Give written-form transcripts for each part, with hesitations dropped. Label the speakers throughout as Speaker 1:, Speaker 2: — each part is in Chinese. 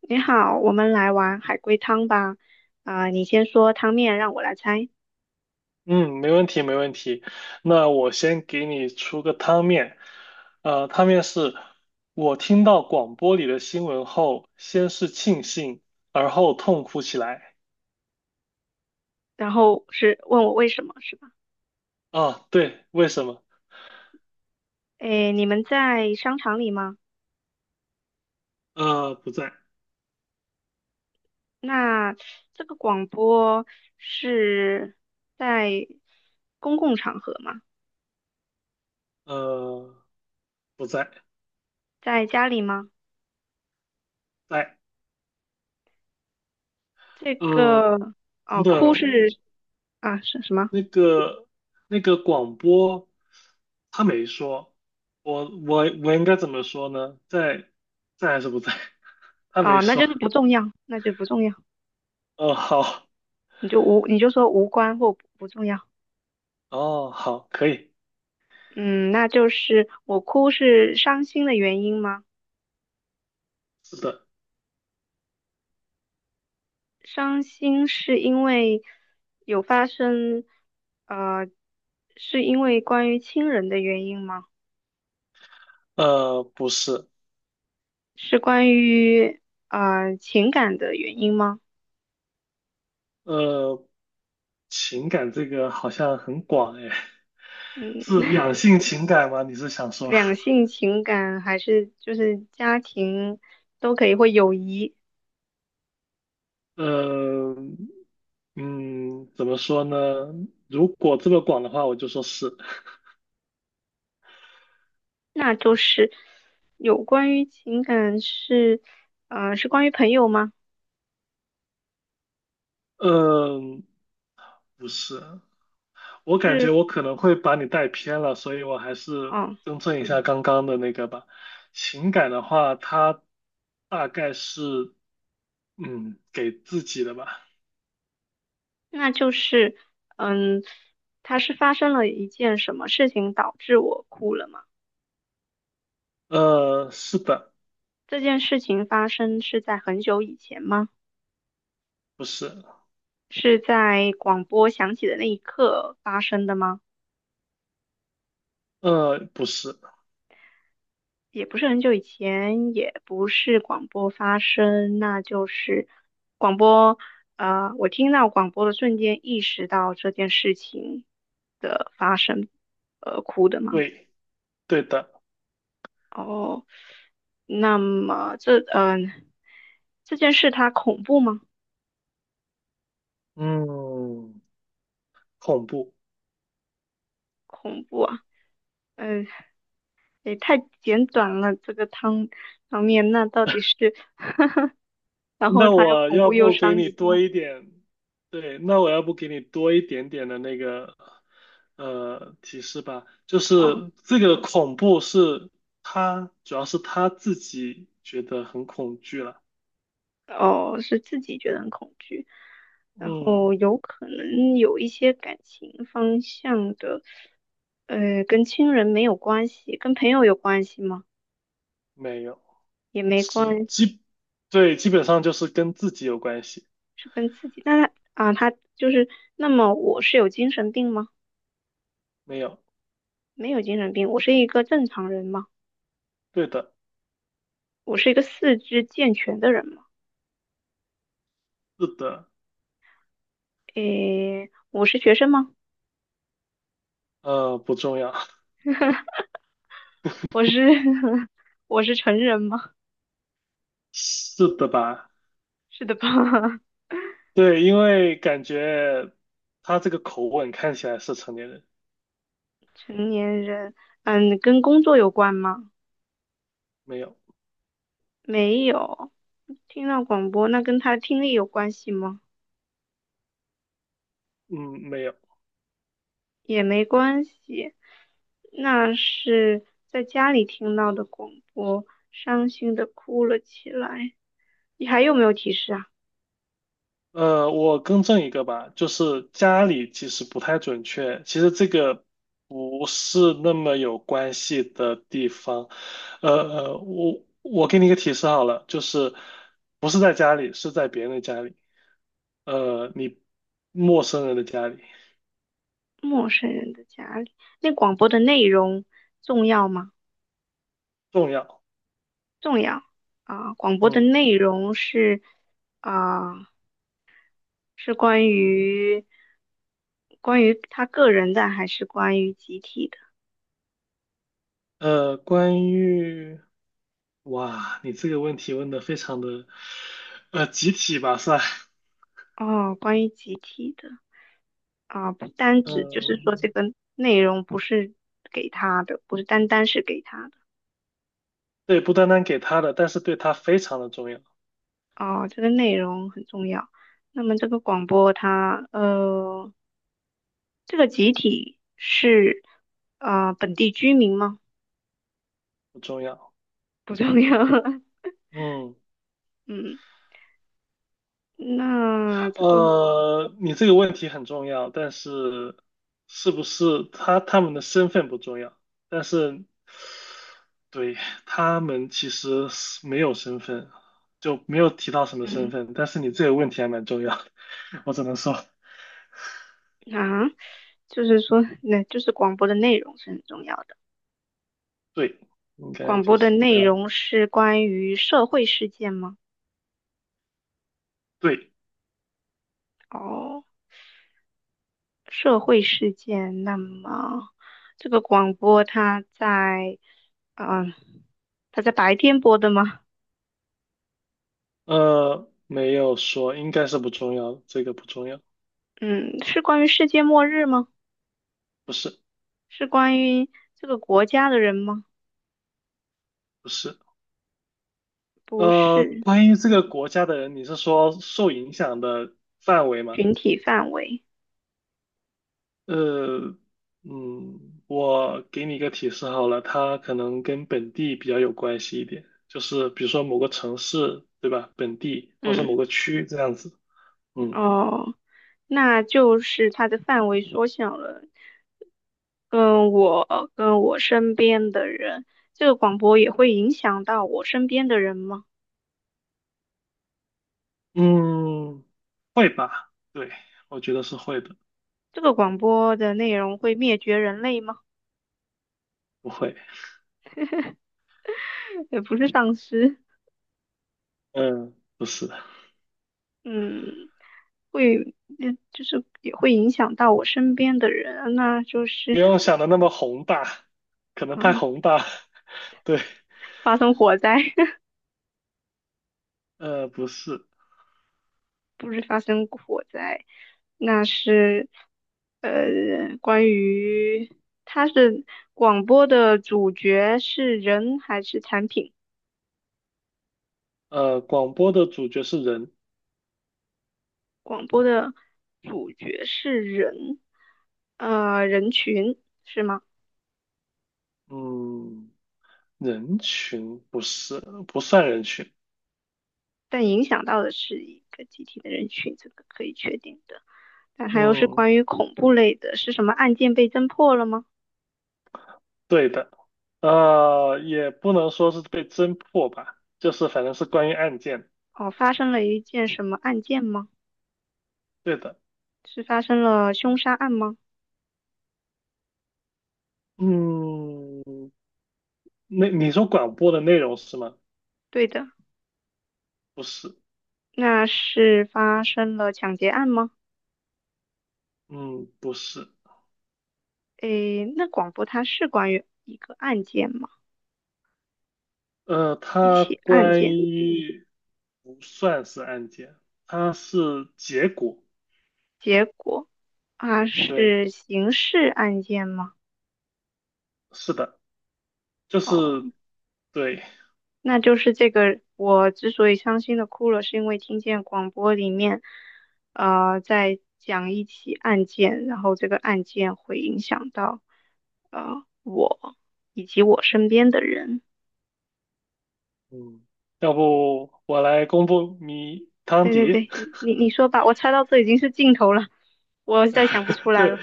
Speaker 1: 你好，我们来玩海龟汤吧。啊、你先说汤面，让我来猜，
Speaker 2: 嗯，没问题，没问题。那我先给你出个汤面，汤面是我听到广播里的新闻后，先是庆幸，而后痛哭起来。
Speaker 1: 然后是问我为什么，是吧？
Speaker 2: 啊，对，为什么？
Speaker 1: 诶，你们在商场里吗？
Speaker 2: 不在，
Speaker 1: 那这个广播是在公共场合吗？
Speaker 2: 呃，不在，
Speaker 1: 在家里吗？
Speaker 2: 在，
Speaker 1: 这
Speaker 2: 呃，
Speaker 1: 个
Speaker 2: 等
Speaker 1: 哦，哭
Speaker 2: 等，
Speaker 1: 是啊是什么？
Speaker 2: 那个那个广播他没说，我我我应该怎么说呢？在在还是不在？他没
Speaker 1: 哦，那就
Speaker 2: 说。
Speaker 1: 是不重要，那就不重要，
Speaker 2: 呃，好。
Speaker 1: 你就无你就说无关或不重要。
Speaker 2: 哦，好，可以，
Speaker 1: 嗯，那就是我哭是伤心的原因吗？
Speaker 2: 是的，
Speaker 1: 伤心是因为有发生，呃，是因为关于亲人的原因吗？
Speaker 2: 不是，
Speaker 1: 是关于情感的原因吗？
Speaker 2: 呃，情感这个好像很广哎，
Speaker 1: 嗯，
Speaker 2: 是两性情感吗？你是想说，
Speaker 1: 两性情感还是就是家庭都可以，或友谊，
Speaker 2: 呃，嗯，怎么说呢？如果这么广的话，我就说是，
Speaker 1: 那就是有关于情感是，是关于朋友吗？
Speaker 2: 嗯、不是，我感觉
Speaker 1: 是，
Speaker 2: 我可能会把你带偏了，所以我还是
Speaker 1: 哦，
Speaker 2: 更正一下刚刚的那个吧。情感的话，它大概是，嗯，给自己的吧。
Speaker 1: 那就是，嗯，它是发生了一件什么事情导致我哭了吗？
Speaker 2: 是的。
Speaker 1: 这件事情发生是在很久以前吗？
Speaker 2: 不是，
Speaker 1: 是在广播响起的那一刻发生的吗？
Speaker 2: 不是，
Speaker 1: 也不是很久以前，也不是广播发生，那就是广播。我听到广播的瞬间意识到这件事情，哭的吗？
Speaker 2: 对，对的，
Speaker 1: 哦，那么这件事它恐怖吗？
Speaker 2: 嗯，恐怖。
Speaker 1: 恐怖啊，嗯、也太简短了。这个汤面，那到底是然后
Speaker 2: 那
Speaker 1: 他又
Speaker 2: 我
Speaker 1: 恐
Speaker 2: 要
Speaker 1: 怖又
Speaker 2: 不给
Speaker 1: 伤
Speaker 2: 你多
Speaker 1: 心。
Speaker 2: 一点，对，那我要不给你多一点点的那个，提示吧，就
Speaker 1: 好，
Speaker 2: 是这个恐怖是他，主要是他自己觉得很恐惧了，
Speaker 1: 哦，是自己觉得很恐惧，然
Speaker 2: 嗯，
Speaker 1: 后有可能有一些感情方向的，跟亲人没有关系，跟朋友有关系吗？
Speaker 2: 没有，
Speaker 1: 也没
Speaker 2: 是
Speaker 1: 关系
Speaker 2: 基，对，基本上就是跟自己有关系，
Speaker 1: 是跟自己。那他啊，他就是，那么我是有精神病吗？
Speaker 2: 没有，
Speaker 1: 没有精神病，我是一个正常人吗？
Speaker 2: 对的，
Speaker 1: 我是一个四肢健全的人吗？
Speaker 2: 是的，
Speaker 1: 诶，我是学生吗？
Speaker 2: 不重要，
Speaker 1: 我是 我是成人吗？
Speaker 2: 是的吧？
Speaker 1: 是的吧？
Speaker 2: 对，因为感觉他这个口吻看起来是成年人，
Speaker 1: 成年人，嗯，跟工作有关吗？
Speaker 2: 没有，
Speaker 1: 没有，听到广播，那跟他的听力有关系吗？
Speaker 2: 嗯，没有。
Speaker 1: 也没关系，那是在家里听到的广播，伤心的哭了起来。你还有没有提示啊？
Speaker 2: 我更正一个吧，就是家里其实不太准确，其实这个不是那么有关系的地方。我给你一个提示好了，就是不是在家里，是在别人的家里，呃，你陌生人的家里
Speaker 1: 陌生人的家里，那广播的内容重要吗？
Speaker 2: 重要。
Speaker 1: 重要啊，广播的
Speaker 2: 嗯，
Speaker 1: 内容是啊。是关于关于他个人的，还是关于集体的？
Speaker 2: 关于。哇，你这个问题问的非常的，集体吧算，
Speaker 1: 哦，关于集体的啊，不单
Speaker 2: 嗯，
Speaker 1: 指就是说这
Speaker 2: 嗯
Speaker 1: 个内容不是给他的，不是单单是给他的
Speaker 2: 对，不单单给他的，但是对他非常的重要，
Speaker 1: 哦，这个内容很重要。那么这个广播它,这个集体是啊本地居民吗？
Speaker 2: 不重要。
Speaker 1: 不重要。
Speaker 2: 嗯，
Speaker 1: 嗯，那这个
Speaker 2: 你这个问题很重要，但是是不是他们的身份不重要，但是对他们其实是没有身份，就没有提到什么身
Speaker 1: 嗯
Speaker 2: 份，但是你这个问题还蛮重要的，我只能说
Speaker 1: 啊，就是说那就是广播的内容是很重要的。
Speaker 2: 对，应该
Speaker 1: 广
Speaker 2: 就
Speaker 1: 播的
Speaker 2: 是这
Speaker 1: 内
Speaker 2: 样。
Speaker 1: 容是关于社会事件吗？
Speaker 2: 对。
Speaker 1: 哦，社会事件。那么这个广播它在，嗯、它在白天播的吗？
Speaker 2: 没有说，应该是不重要，这个不重要，
Speaker 1: 嗯，是关于世界末日吗？
Speaker 2: 不是，
Speaker 1: 是关于这个国家的人吗？
Speaker 2: 不是。
Speaker 1: 不是，
Speaker 2: 关于这个国家的人，你是说受影响的范围吗？
Speaker 1: 群体范围。
Speaker 2: 呃，嗯，我给你一个提示好了，它可能跟本地比较有关系一点，就是比如说某个城市，对吧？本地或是
Speaker 1: 嗯，
Speaker 2: 某个区这样子。嗯
Speaker 1: 哦，那就是它的范围缩小了。跟我身边的人，这个广播也会影响到我身边的人吗？
Speaker 2: 嗯，会吧？对，我觉得是会的，
Speaker 1: 这个广播的内容会灭绝人类吗？
Speaker 2: 不会。
Speaker 1: 也不是丧尸，
Speaker 2: 嗯，不是。
Speaker 1: 嗯，会，嗯，就是也会影响到我身边的人，那就
Speaker 2: 不
Speaker 1: 是，
Speaker 2: 用想的那么宏大，可能太
Speaker 1: 嗯，
Speaker 2: 宏大。对，
Speaker 1: 发生火灾，
Speaker 2: 不是，
Speaker 1: 不是发生火灾，那是，关于它是广播的主角是人还是产品？
Speaker 2: 广播的主角是人，
Speaker 1: 广播的主角是人，人群是吗？
Speaker 2: 嗯，人群不是，不算人群，
Speaker 1: 但影响到的是一个集体的人群，这个可以确定的。但还有是
Speaker 2: 嗯，
Speaker 1: 关于恐怖类的，是什么案件被侦破了吗？
Speaker 2: 对的，也不能说是被侦破吧，就是反正是关于案件，
Speaker 1: 哦，发生了一件什么案件吗？
Speaker 2: 对的，
Speaker 1: 是发生了凶杀案吗？
Speaker 2: 嗯，那你说广播的内容是吗？
Speaker 1: 对的，
Speaker 2: 不是，
Speaker 1: 那是发生了抢劫案吗？
Speaker 2: 嗯，不是，
Speaker 1: 诶，那广播它是关于一个案件吗？一
Speaker 2: 它
Speaker 1: 起案
Speaker 2: 关
Speaker 1: 件，
Speaker 2: 于。不算是案件，它是结果。
Speaker 1: 结果啊
Speaker 2: 对，
Speaker 1: 是刑事案件吗？
Speaker 2: 是的，就
Speaker 1: 哦。
Speaker 2: 是对，
Speaker 1: 那就是这个，我之所以伤心的哭了，是因为听见广播里面，在讲一起案件，然后这个案件会影响到，我以及我身边的人。
Speaker 2: 嗯，要不我来公布谜汤
Speaker 1: 对对
Speaker 2: 迪。
Speaker 1: 对，你你 你说吧，我猜到这已经是尽头了，我再想不出 来
Speaker 2: 对，
Speaker 1: 了。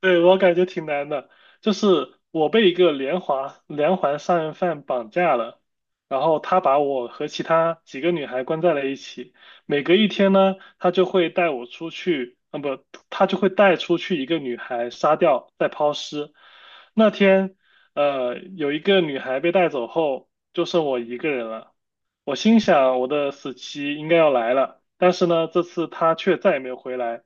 Speaker 2: 对，我感觉挺难的。就是我被一个连环杀人犯绑架了，然后他把我和其他几个女孩关在了一起。每隔一天呢，他就会带我出去，啊不，他就会带出去一个女孩杀掉，再抛尸。那天，有一个女孩被带走后，就剩我一个人了。我心想，我的死期应该要来了，但是呢，这次她却再也没有回来。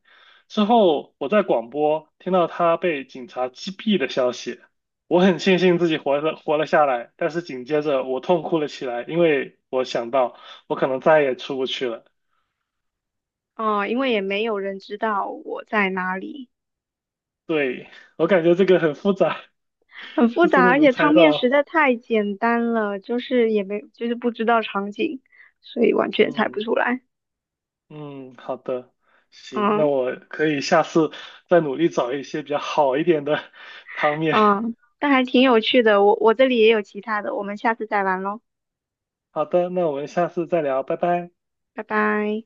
Speaker 2: 之后，我在广播听到他被警察击毙的消息，我很庆幸自己活了下来，但是紧接着我痛哭了起来，因为我想到我可能再也出不去了。
Speaker 1: 哦，因为也没有人知道我在哪里，
Speaker 2: 对，我感觉这个很复杂，
Speaker 1: 很 复
Speaker 2: 这真
Speaker 1: 杂，
Speaker 2: 的
Speaker 1: 而
Speaker 2: 能
Speaker 1: 且
Speaker 2: 猜
Speaker 1: 汤面实
Speaker 2: 到。
Speaker 1: 在太简单了，就是也没就是不知道场景，所以完全猜不
Speaker 2: 嗯
Speaker 1: 出来。
Speaker 2: 嗯，好的，行，那
Speaker 1: 嗯。
Speaker 2: 我可以下次再努力找一些比较好一点的汤面。
Speaker 1: 嗯，但还挺有趣的。我这里也有其他的，我们下次再玩喽，
Speaker 2: 好的，那我们下次再聊，拜拜。
Speaker 1: 拜拜。